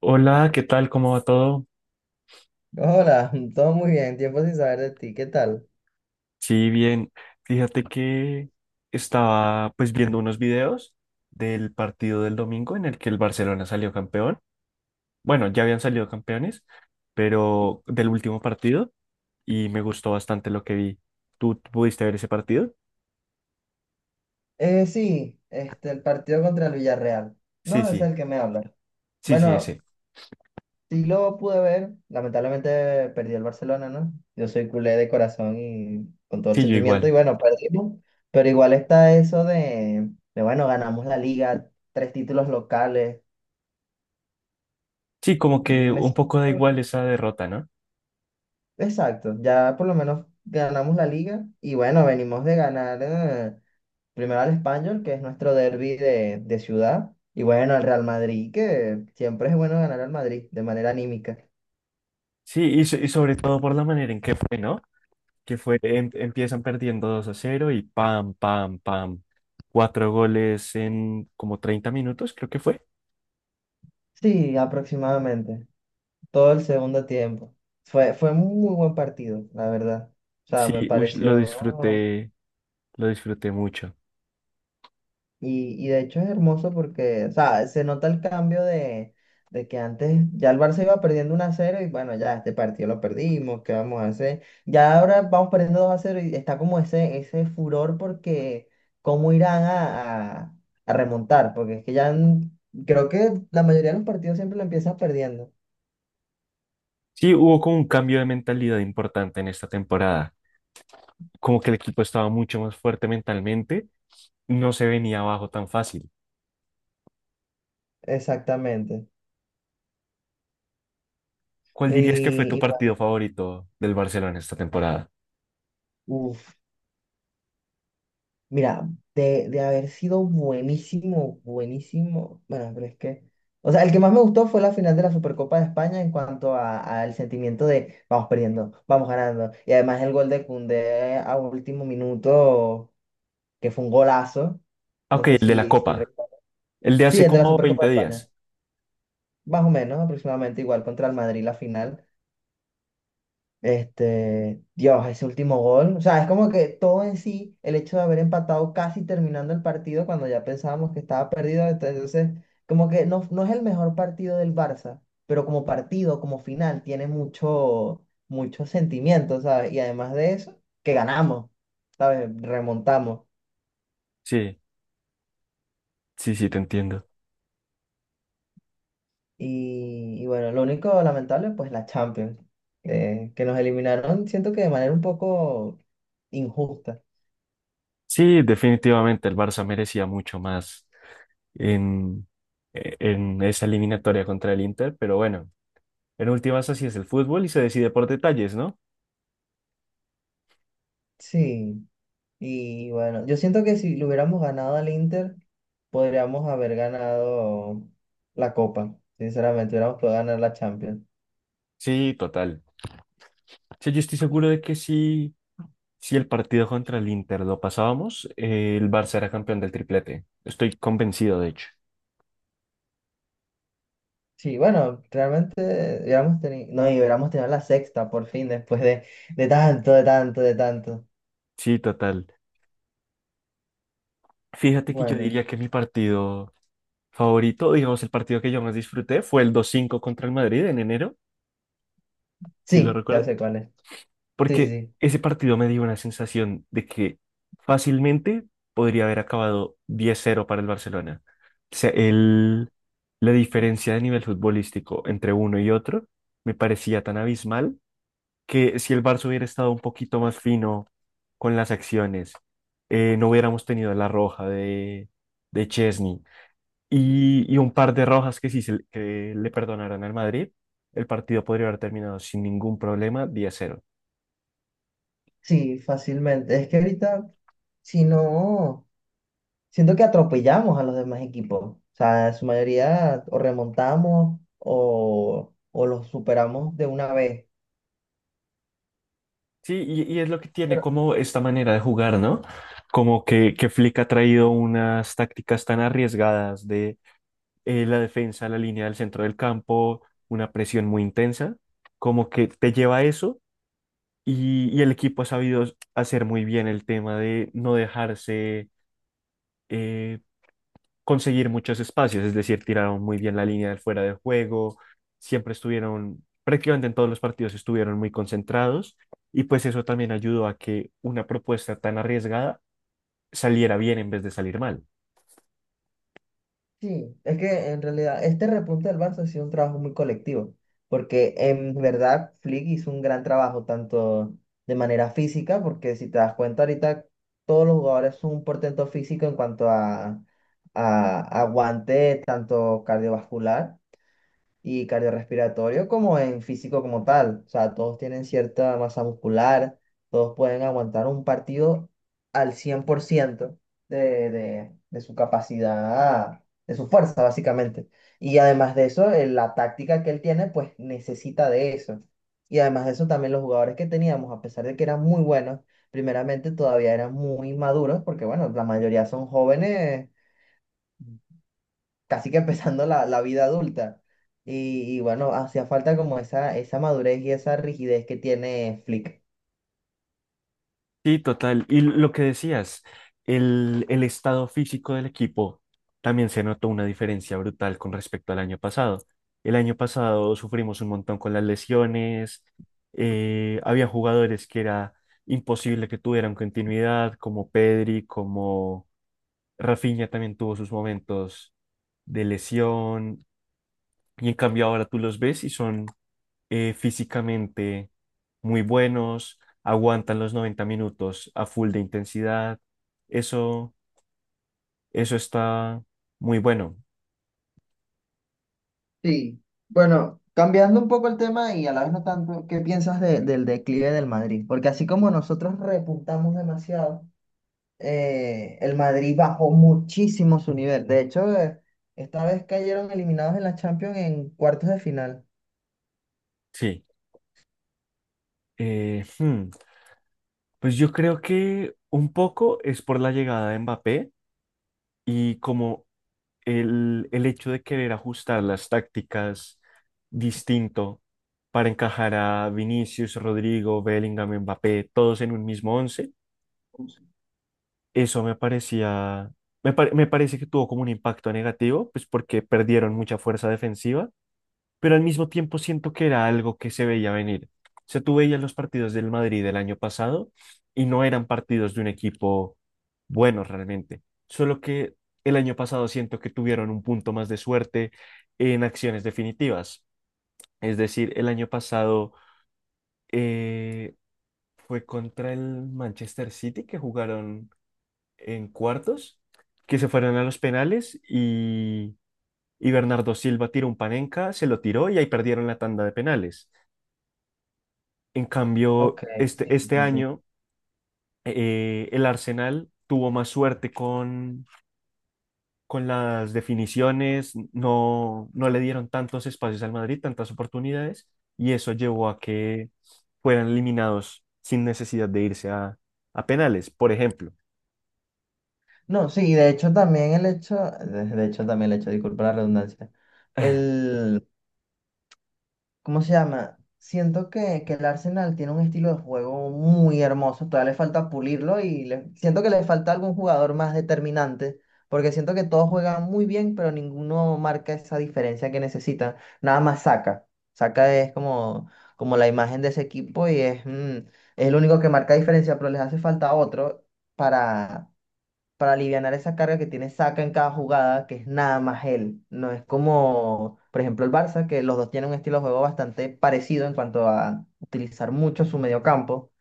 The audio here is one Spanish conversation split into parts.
Hola, ¿qué tal? ¿Cómo va todo? Hola, todo muy bien, tiempo sin saber de ti, ¿qué tal? Sí, bien. Fíjate que estaba pues viendo unos videos del partido del domingo en el que el Barcelona salió campeón. Bueno, ya habían salido campeones, pero del último partido y me gustó bastante lo que vi. ¿Tú pudiste ver ese partido? Sí, el partido contra el Villarreal. Sí, No, es sí, el que me habla. sí, sí, Bueno, ese. sí lo pude ver, lamentablemente perdió el Barcelona, ¿no? Yo soy culé de corazón y con todo el Sí, yo sentimiento, y igual. bueno, perdimos, pero igual está eso de bueno, ganamos la liga, tres títulos locales. Sí, como que Me un siento- poco da igual esa derrota, ¿no? exacto, ya por lo menos ganamos la liga, y bueno, venimos de ganar. Primero al Español, que es nuestro derbi de ciudad. Y bueno, al Real Madrid, que siempre es bueno ganar al Madrid de manera anímica. Sí, y sobre todo por la manera en que fue, ¿no? Que fue, empiezan perdiendo 2-0 y pam, pam, pam. Cuatro goles en como 30 minutos, creo que fue. Sí, aproximadamente. Todo el segundo tiempo. Fue un muy buen partido, la verdad. O sea, me Sí, uy, pareció. Lo disfruté mucho. Y de hecho es hermoso porque, o sea, se nota el cambio de que antes ya el Barça iba perdiendo 1 a cero y bueno, ya este partido lo perdimos, ¿qué vamos a hacer? Ya ahora vamos perdiendo 2 a cero y está como ese furor porque cómo irán a remontar, porque es que creo que la mayoría de los partidos siempre lo empiezan perdiendo. Sí, hubo como un cambio de mentalidad importante en esta temporada. Como que el equipo estaba mucho más fuerte mentalmente, no se venía abajo tan fácil. Exactamente. ¿Cuál dirías que fue tu Y, y partido favorito del Barcelona esta temporada? bueno, Mira, de haber sido buenísimo, buenísimo, bueno, pero es que, o sea, el que más me gustó fue la final de la Supercopa de España en cuanto al sentimiento de vamos perdiendo, vamos ganando, y además el gol de Koundé a último minuto, que fue un golazo, Ah, no Ok, sé el de la si Copa, recuerdas. el de Sí, hace el de la como Supercopa de 20 España, días. más o menos, aproximadamente igual contra el Madrid la final. Este, Dios, ese último gol. O sea, es como que todo en sí, el hecho de haber empatado casi terminando el partido cuando ya pensábamos que estaba perdido. Entonces, como que no, no es el mejor partido del Barça, pero como partido, como final, tiene mucho, mucho sentimiento, ¿sabes? Y además de eso, que ganamos, ¿sabes? Remontamos. Sí, sí, sí, te entiendo. Y bueno, lo único lamentable, pues la Champions, que nos eliminaron, siento que de manera un poco injusta. Sí, definitivamente el Barça merecía mucho más en, en esa eliminatoria contra el Inter, pero bueno, en últimas así es el fútbol y se decide por detalles, ¿no? Sí. Y bueno, yo siento que si le hubiéramos ganado al Inter, podríamos haber ganado la Copa. Sinceramente, hubiéramos podido ganar la Champions. Sí, total. Sí, yo estoy seguro de que si el partido contra el Inter lo pasábamos, el Barça era campeón del triplete. Estoy convencido, de hecho. Sí, bueno, realmente hubiéramos tenido, no, y hubiéramos tenido la sexta por fin después de tanto. Sí, total. Fíjate que yo Bueno, diría que mi partido favorito, digamos, el partido que yo más disfruté fue el 2-5 contra el Madrid en enero, si lo sí, ya recuerdas. sé cuál es. Sí, sí, Porque sí. ese partido me dio una sensación de que fácilmente podría haber acabado 10-0 para el Barcelona. O sea, el, la diferencia de nivel futbolístico entre uno y otro me parecía tan abismal que si el Barça hubiera estado un poquito más fino con las acciones, no hubiéramos tenido la roja de Chesney y un par de rojas que que le perdonaran al Madrid, el partido podría haber terminado sin ningún problema 10-0. Sí, fácilmente. Es que ahorita, si no, siento que atropellamos a los demás equipos. O sea, en su mayoría o remontamos o los superamos de una vez. Sí, y es lo que tiene como esta manera de jugar, ¿no? Como que, Flick ha traído unas tácticas tan arriesgadas de la defensa, la línea del centro del campo, una presión muy intensa, como que te lleva a eso y el equipo ha sabido hacer muy bien el tema de no dejarse eh, conseguir muchos espacios, es decir, tiraron muy bien la línea del fuera de juego, siempre estuvieron, prácticamente en todos los partidos estuvieron muy concentrados y pues eso también ayudó a que una propuesta tan arriesgada saliera bien en vez de salir mal. Sí, es que en realidad este repunte del Barça ha sido un trabajo muy colectivo, porque en verdad Flick hizo un gran trabajo, tanto de manera física, porque si te das cuenta ahorita todos los jugadores son un portento físico en cuanto a aguante, tanto cardiovascular y cardiorrespiratorio como en físico como tal. O sea, todos tienen cierta masa muscular, todos pueden aguantar un partido al 100% de su capacidad, de su fuerza, básicamente. Y además de eso, la táctica que él tiene, pues necesita de eso. Y además de eso, también los jugadores que teníamos, a pesar de que eran muy buenos, primeramente todavía eran muy maduros, porque bueno, la mayoría son jóvenes casi que empezando la vida adulta. Y bueno, hacía falta como esa madurez y esa rigidez que tiene Flick. Sí, total. Y lo que decías, el estado físico del equipo también se notó una diferencia brutal con respecto al año pasado. El año pasado sufrimos un montón con las lesiones, había jugadores que era imposible que tuvieran continuidad, como Pedri, como Rafinha también tuvo sus momentos de lesión, y en cambio ahora tú los ves y son físicamente muy buenos, aguantan los 90 minutos a full de intensidad. Eso, eso está muy bueno. Sí. Bueno, cambiando un poco el tema y a la vez no tanto, ¿qué piensas del declive del Madrid? Porque así como nosotros repuntamos demasiado, el Madrid bajó muchísimo su nivel. De hecho, esta vez cayeron eliminados en la Champions en cuartos de final. Sí. Eh, hmm, Pues yo creo que un poco es por la llegada de Mbappé y como el hecho de querer ajustar las tácticas distinto para encajar a Vinicius, Rodrigo, Bellingham, Mbappé, todos en un mismo once. Eso me parece que tuvo como un impacto negativo, pues porque perdieron mucha fuerza defensiva, pero al mismo tiempo siento que era algo que se veía venir. O sea, tú veías los partidos del Madrid del año pasado y no eran partidos de un equipo bueno realmente, solo que el año pasado siento que tuvieron un punto más de suerte en acciones definitivas. Es decir, el año pasado eh, fue contra el Manchester City que jugaron en cuartos, que se fueron a los penales y, Bernardo Silva tiró un Panenka, se lo tiró y ahí perdieron la tanda de penales. En cambio, Ok, este, sí, este sí, sí. año el Arsenal tuvo más suerte con las definiciones, no, no le dieron tantos espacios al Madrid, tantas oportunidades, y eso llevó a que fueran eliminados sin necesidad de irse a penales. Por ejemplo, No, sí, de hecho también el hecho, de hecho también el hecho, disculpa la redundancia, el, ¿cómo se llama? Siento que el Arsenal tiene un estilo de juego muy hermoso, todavía le falta pulirlo y siento que le falta algún jugador más determinante, porque siento que todos juegan muy bien, pero ninguno marca esa diferencia que necesita, nada más saca, saca es como, como la imagen de ese equipo y es, mm, es el único que marca diferencia, pero les hace falta otro para alivianar esa carga que tiene Saka en cada jugada, que es nada más él. No es como, por ejemplo, el Barça, que los dos tienen un estilo de juego bastante parecido en cuanto a utilizar mucho su mediocampo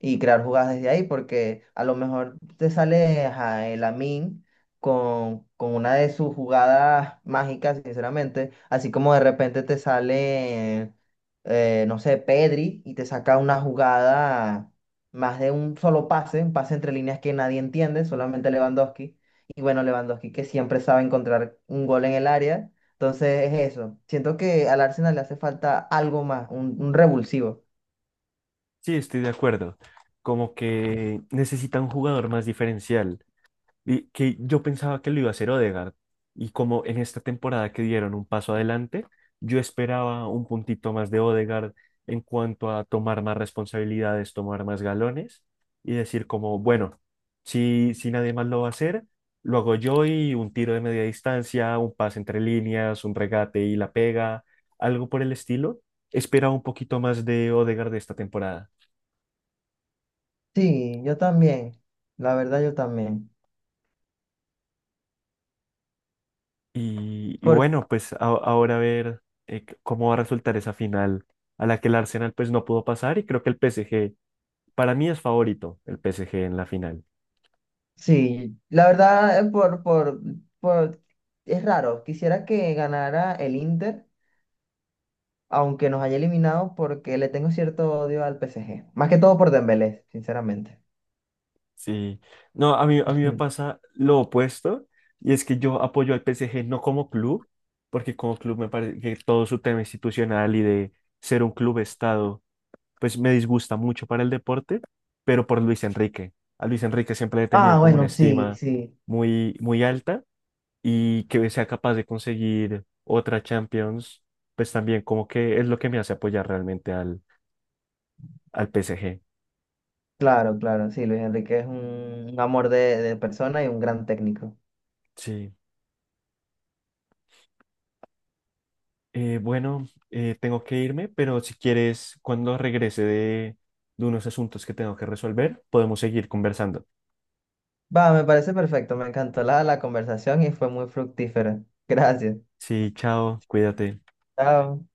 y crear jugadas desde ahí, porque a lo mejor te sale ajá, el Amin con una de sus jugadas mágicas, sinceramente, así como de repente te sale, no sé, Pedri y te saca una jugada más de un solo pase, un pase entre líneas que nadie entiende, solamente Lewandowski. Y bueno, Lewandowski que siempre sabe encontrar un gol en el área. Entonces es eso. Siento que al Arsenal le hace falta algo más, un revulsivo. sí, estoy de acuerdo. Como que necesita un jugador más diferencial. Y que yo pensaba que lo iba a hacer Odegaard. Y como en esta temporada que dieron un paso adelante, yo esperaba un puntito más de Odegaard en cuanto a tomar más responsabilidades, tomar más galones y decir como, bueno, si nadie más lo va a hacer, lo hago yo y un tiro de media distancia, un pase entre líneas, un regate y la pega, algo por el estilo. Esperaba un poquito más de Odegaard de esta temporada. Sí, yo también. La verdad, yo también. Y Por, bueno, pues ahora a ver cómo va a resultar esa final a la que el Arsenal pues no pudo pasar y creo que el PSG, para mí es favorito el PSG en la final. sí, la verdad, por, es raro. Quisiera que ganara el Inter, aunque nos haya eliminado, porque le tengo cierto odio al PSG. Más que todo por Dembélé, sinceramente. Sí, no, a mí me Mm. pasa lo opuesto y es que yo apoyo al PSG no como club, porque como club me parece que todo su tema institucional y de ser un club estado pues me disgusta mucho para el deporte, pero por Luis Enrique. A Luis Enrique siempre le he tenido Ah, como una bueno, sí, estima sí. muy, muy alta y que sea capaz de conseguir otra Champions, pues también como que es lo que me hace apoyar realmente al PSG. Claro, claro, sí. Luis Enrique es un amor de persona y un gran técnico. Sí. Bueno, tengo que irme, pero si quieres, cuando regrese de unos asuntos que tengo que resolver, podemos seguir conversando. Va, me parece perfecto. Me encantó la conversación y fue muy fructífera. Gracias. Sí, chao, cuídate. Chao.